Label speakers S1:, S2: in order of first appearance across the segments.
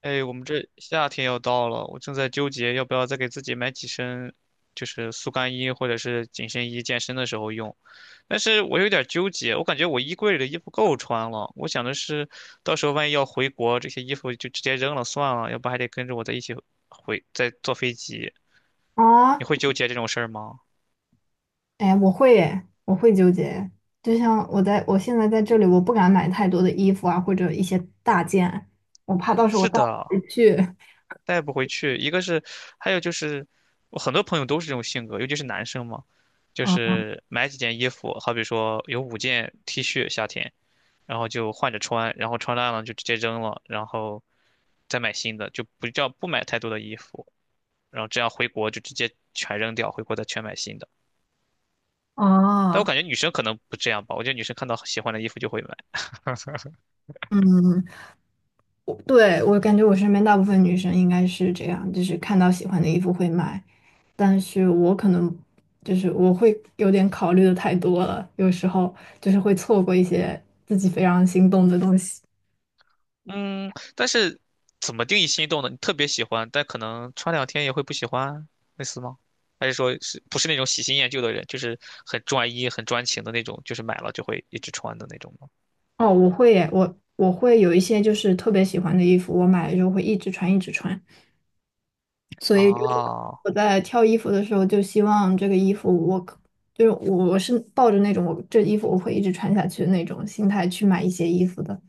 S1: 哎，我们这夏天要到了，我正在纠结要不要再给自己买几身，就是速干衣或者是紧身衣，健身的时候用。但是我有点纠结，我感觉我衣柜里的衣服够穿了。我想的是，到时候万一要回国，这些衣服就直接扔了算了，要不还得跟着我在一起回，再坐飞机。你
S2: 啊，
S1: 会纠结这种事儿吗？
S2: 哎，我会耶，我会纠结。就像我现在在这里，我不敢买太多的衣服啊，或者一些大件，我怕到时候我
S1: 是
S2: 带不
S1: 的，
S2: 回去。
S1: 带不回去。一个是，还有就是，我很多朋友都是这种性格，尤其是男生嘛，就
S2: 啊
S1: 是买几件衣服，好比说有五件 T 恤夏天，然后就换着穿，然后穿烂了就直接扔了，然后再买新的，就不叫不买太多的衣服，然后这样回国就直接全扔掉，回国再全买新的。但我
S2: 啊，
S1: 感觉女生可能不这样吧，我觉得女生看到喜欢的衣服就会买。
S2: 嗯，我对，我感觉我身边大部分女生应该是这样，就是看到喜欢的衣服会买，但是我可能就是我会有点考虑的太多了，有时候就是会错过一些自己非常心动的东西。
S1: 嗯，但是怎么定义心动呢？你特别喜欢，但可能穿两天也会不喜欢，类似吗？还是说是不是那种喜新厌旧的人，就是很专一、很专情的那种，就是买了就会一直穿的那种吗？
S2: 哦，我会耶，我会有一些就是特别喜欢的衣服，我买了之后会一直穿，一直穿。所以就是
S1: 哦
S2: 我在挑衣服的时候，就希望这个衣服就是我是抱着那种我这衣服我会一直穿下去的那种心态去买一些衣服的。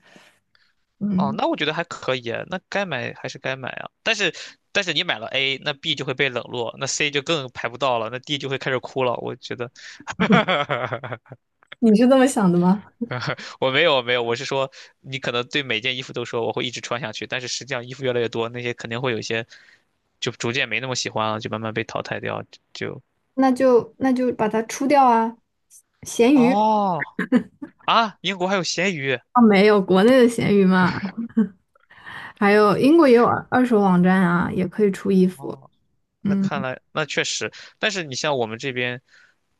S1: 哦，
S2: 嗯，
S1: 那我觉得还可以，那该买还是该买啊。但是你买了 A，那 B 就会被冷落，那 C 就更排不到了，那 D 就会开始哭了。我觉得，
S2: 你是这么想的吗？
S1: 我没有没有，我是说你可能对每件衣服都说我会一直穿下去，但是实际上衣服越来越多，那些肯定会有一些就逐渐没那么喜欢了，就慢慢被淘汰掉。就
S2: 那就把它出掉啊，闲鱼
S1: 哦啊，英国还有咸鱼
S2: 啊，没有国内的闲鱼嘛，还有英国也有二手网站啊，也可以出衣服。
S1: 哦，那
S2: 嗯，
S1: 看来那确实，但是你像我们这边，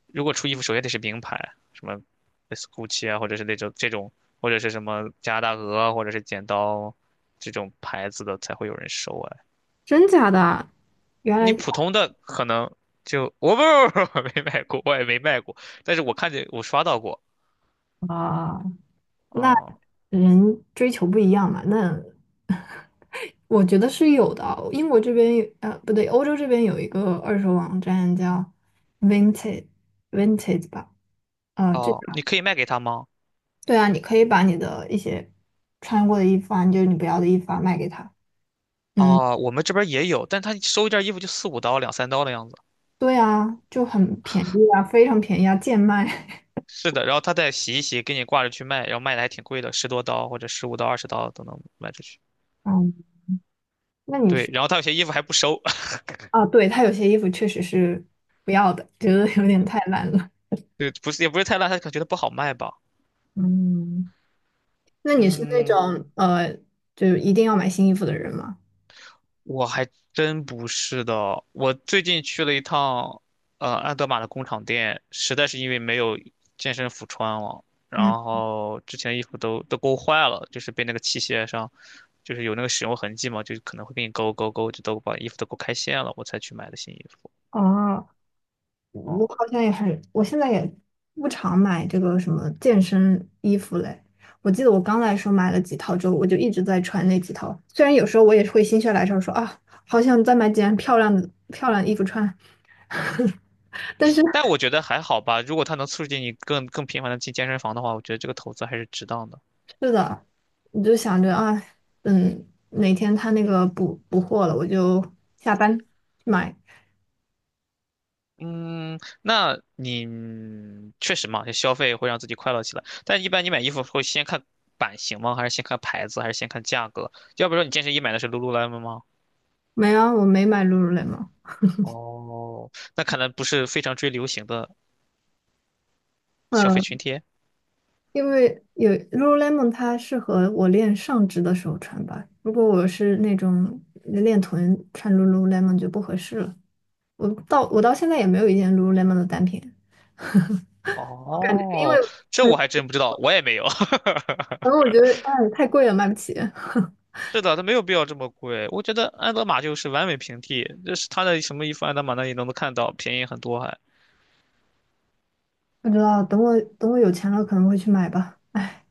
S1: 如果出衣服，首先得是名牌，什么类似 GUCCI 啊，或者是那种这种，或者是什么加拿大鹅啊，或者是剪刀这种牌子的才会有人收啊。
S2: 真假的啊？原
S1: 你
S2: 来。
S1: 普通的可能就我不不不 没买过，我也没卖过，但是我看见我刷到过。
S2: 啊，那
S1: 哦
S2: 人追求不一样嘛，那 我觉得是有的啊英国这边有不对，欧洲这边有一个二手网站叫 v i n t a g e v i n t a g e 吧，这
S1: 哦，
S2: 个
S1: 你可以卖给他吗？
S2: 对啊，你可以把你的一些穿过的衣服啊，就是你不要的衣服啊，卖给他。嗯，
S1: 哦，我们这边也有，但他收一件衣服就四五刀、两三刀的样子。
S2: 对啊，就很便宜啊，非常便宜啊，贱卖。
S1: 是的，然后他再洗一洗，给你挂着去卖，然后卖的还挺贵的，十多刀或者十五刀、二十刀都能卖出去。
S2: 嗯，那你
S1: 对，
S2: 是
S1: 然后他有些衣服还不收，
S2: 啊？对，他有些衣服确实是不要的，觉得有点太烂了。
S1: 对，不是也不是太烂，他可能觉得不好卖吧。
S2: 嗯。那你是那
S1: 嗯。
S2: 种就一定要买新衣服的人吗？
S1: 我还真不是的，我最近去了一趟，安德玛的工厂店，实在是因为没有健身服穿了，然
S2: 嗯，
S1: 后之前的衣服都勾坏了，就是被那个器械上，就是有那个使用痕迹嘛，就可能会给你勾勾勾，就都把衣服都勾开线了，我才去买的新衣服。
S2: 哦，我
S1: 哦、
S2: 好像也很，我现在也不常买这个什么健身衣服嘞。我记得我刚来的时候买了几套之后，我就一直在穿那几套。虽然有时候我也会心血来潮说啊，好想再买几件漂亮的衣服穿，但是
S1: 但我觉得还好吧，如果它能促进你更频繁的进健身房的话，我觉得这个投资还是值当的。
S2: 是的，你就想着啊，嗯，哪天他那个补补货了，我就下单去买。
S1: 嗯，那你确实嘛，就消费会让自己快乐起来。但一般你买衣服会先看版型吗？还是先看牌子？还是先看价格？要不说你健身衣买的是 Lululemon 吗？
S2: 没啊，我没买 Lululemon。
S1: 哦，那可能不是非常追流行的消费
S2: 嗯
S1: 群体。
S2: 因为有 Lululemon，它适合我练上肢的时候穿吧。如果我是那种练臀，穿 Lululemon 就不合适了。我到现在也没有一件 Lululemon 的单品，我感觉因为
S1: 哦，这
S2: 可
S1: 我还真不知道，我也没有。
S2: 能我觉得哎太贵了，买不起。
S1: 是的，它没有必要这么贵。我觉得安德玛就是完美平替，就是它的什么衣服，安德玛那里都能看到，便宜很多还。
S2: 不知道，等我有钱了可能会去买吧。哎，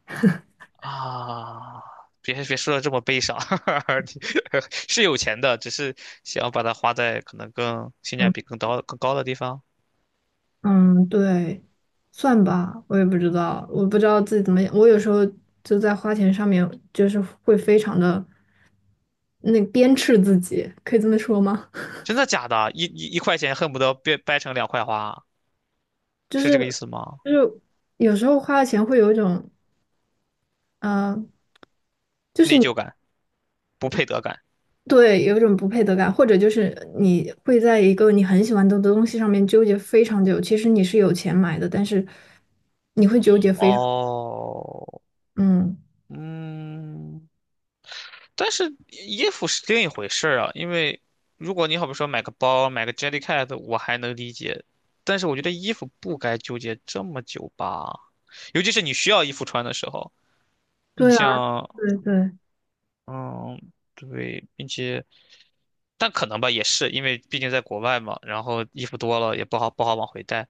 S1: 啊，别说的这么悲伤，你是有钱的，只是想要把它花在可能更性价
S2: 嗯
S1: 比更高更高的地方。
S2: 嗯，对，算吧，我也不知道，我不知道自己怎么，我有时候就在花钱上面就是会非常的那鞭笞自己，可以这么说吗？
S1: 真的假的啊？一块钱恨不得掰成两块花啊，
S2: 就
S1: 是
S2: 是
S1: 这个意思吗？
S2: 就是有时候花了钱会有一种，嗯，就是
S1: 内
S2: 你
S1: 疚感、不配得感。
S2: 对有一种不配得感，或者就是你会在一个你很喜欢的东西上面纠结非常久。其实你是有钱买的，但是你会纠结非常，
S1: 哦，
S2: 嗯，
S1: 嗯，但是衣服是另一回事儿啊，因为如果你好比说买个包、买个 Jellycat，我还能理解，但是我觉得衣服不该纠结这么久吧，尤其是你需要衣服穿的时候，你
S2: 对啊，
S1: 像，
S2: 对对
S1: 嗯，对，并且，但可能吧，也是因为毕竟在国外嘛，然后衣服多了也不好往回带，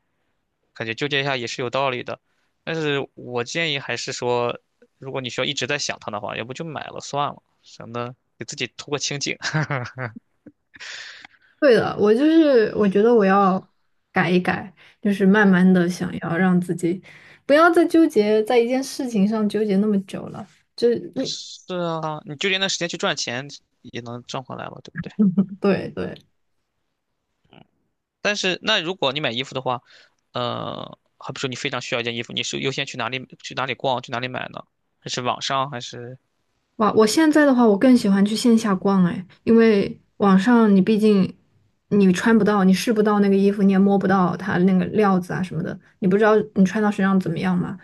S1: 感觉纠结一下也是有道理的，但是我建议还是说，如果你需要一直在想它的话，要不就买了算了，省得给自己图个清静。
S2: 对的，我就是我觉得我要改一改，就是慢慢的想要让自己不要再纠结在一件事情上纠结那么久了。就你
S1: 是啊，你就连那时间去赚钱也能挣回来嘛，对不对？
S2: 对对。
S1: 但是那如果你买衣服的话，好比说你非常需要一件衣服，你是优先去哪里逛，去哪里买呢？还是网上？还是
S2: 哇，我现在的话，我更喜欢去线下逛哎，因为网上你毕竟你穿不到，你试不到那个衣服，你也摸不到它那个料子啊什么的，你不知道你穿到身上怎么样嘛。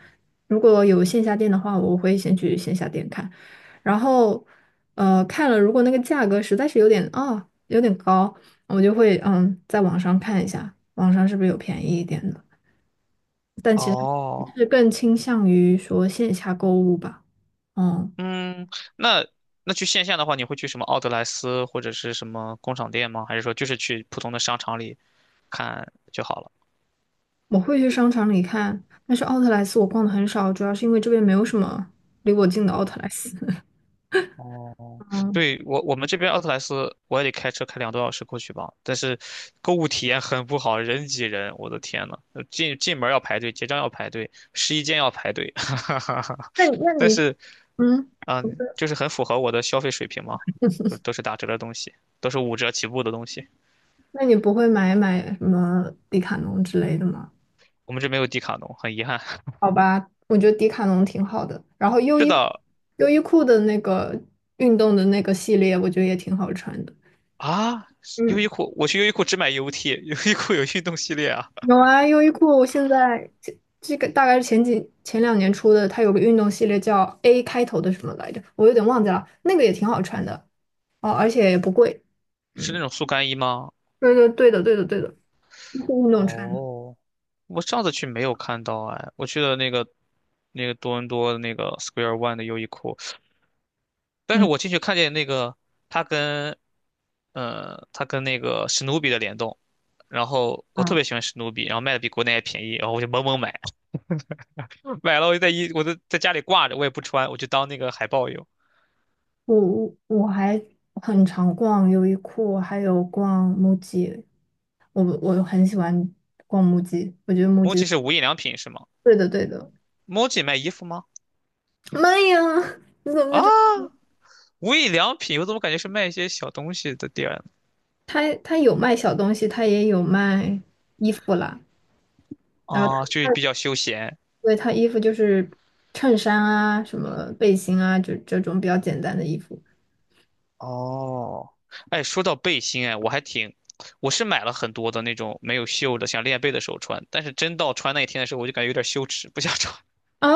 S2: 如果有线下店的话，我会先去线下店看，然后看了，如果那个价格实在是有点高，我就会在网上看一下，网上是不是有便宜一点的，
S1: 哦，
S2: 是更倾向于说线下购物吧，嗯。
S1: 嗯，那那去线下的话，你会去什么奥特莱斯或者是什么工厂店吗？还是说就是去普通的商场里看就好了？
S2: 我会去商场里看，但是奥特莱斯我逛的很少，主要是因为这边没有什么离我近的奥特莱斯。
S1: 哦，
S2: 嗯，
S1: 对，我们这边奥特莱斯，我也得开车开两个多小时过去吧。但是购物体验很不好，人挤人，我的天呐，进门要排队，结账要排队，试衣间要排队，哈哈哈
S2: 那你那
S1: 但
S2: 你
S1: 是
S2: 嗯，不是
S1: 就是很符合我的消费水平嘛，都是打折的东西，都是五折起步的东西。
S2: 那你不会买什么迪卡侬之类的吗？
S1: 我们这没有迪卡侬，很遗憾。
S2: 好吧，我觉得迪卡侬挺好的，然后 优
S1: 是
S2: 衣
S1: 的
S2: 优衣库的那个运动的那个系列，我觉得也挺好穿的。
S1: 啊，优
S2: 嗯。
S1: 衣库，我去优衣库只买 UT，优衣库有运动系列啊，
S2: 有啊，优衣库我现在这个大概是前两年出的，它有个运动系列叫 A 开头的什么来着，我有点忘记了，那个也挺好穿的哦，而且也不贵。
S1: 是那
S2: 嗯，
S1: 种速干衣吗？
S2: 对对对的对的对的，就是运动穿的
S1: 哦，我上次去没有看到哎，我去了那个多伦多的那个 Square One 的优衣库，但是
S2: 嗯
S1: 我进去看见那个它跟它跟那个史努比的联动，然后我特
S2: 啊，
S1: 别喜欢史努比，然后卖的比国内还便宜，然后我就猛猛买，买了我就在家里挂着，我也不穿，我就当那个海报用。
S2: 我还很常逛优衣库，还有逛木 u 我很喜欢逛木 u 我觉得木 u
S1: m o c i 是无印良品是吗
S2: 对的对的。
S1: m o c i 卖衣服吗？
S2: 妈呀，你怎么不
S1: 啊，
S2: 知？
S1: 无印良品，我怎么感觉是卖一些小东西的店呢
S2: 它有卖小东西，它也有卖衣服啦。然后
S1: 啊，就是
S2: 他
S1: 比较休闲。
S2: 对他衣服就是衬衫啊、什么背心啊，就这种比较简单的衣服。
S1: 哦，哎，说到背心，哎，我还挺，我是买了很多的那种没有袖的，想练背的时候穿，但是真到穿那一天的时候，我就感觉有点羞耻，不想穿。
S2: 啊？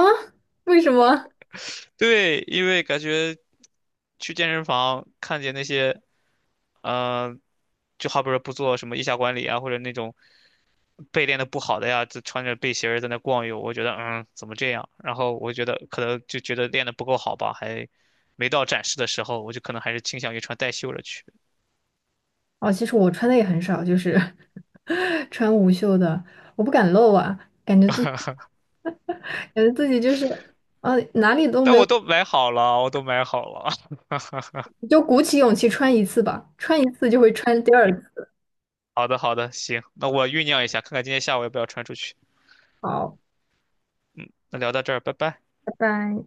S2: 为什么？
S1: 对，因为感觉去健身房看见那些，嗯，就好比说不做什么腋下管理啊，或者那种背练的不好的呀，就穿着背心儿在那逛悠，我觉得怎么这样？然后我觉得可能就觉得练的不够好吧，还没到展示的时候，我就可能还是倾向于穿带袖的去。
S2: 哦，其实我穿的也很少，就是 穿无袖的，我不敢露啊，感觉自己就是，哪里都
S1: 但
S2: 没
S1: 我
S2: 有，
S1: 都买好了，我都买好了。
S2: 就鼓起勇气穿一次吧，穿一次就会穿第二次。
S1: 好的，好的，行，那我酝酿一下，看看今天下午要不要传出去。
S2: 好，
S1: 那聊到这儿，拜拜。
S2: 拜拜。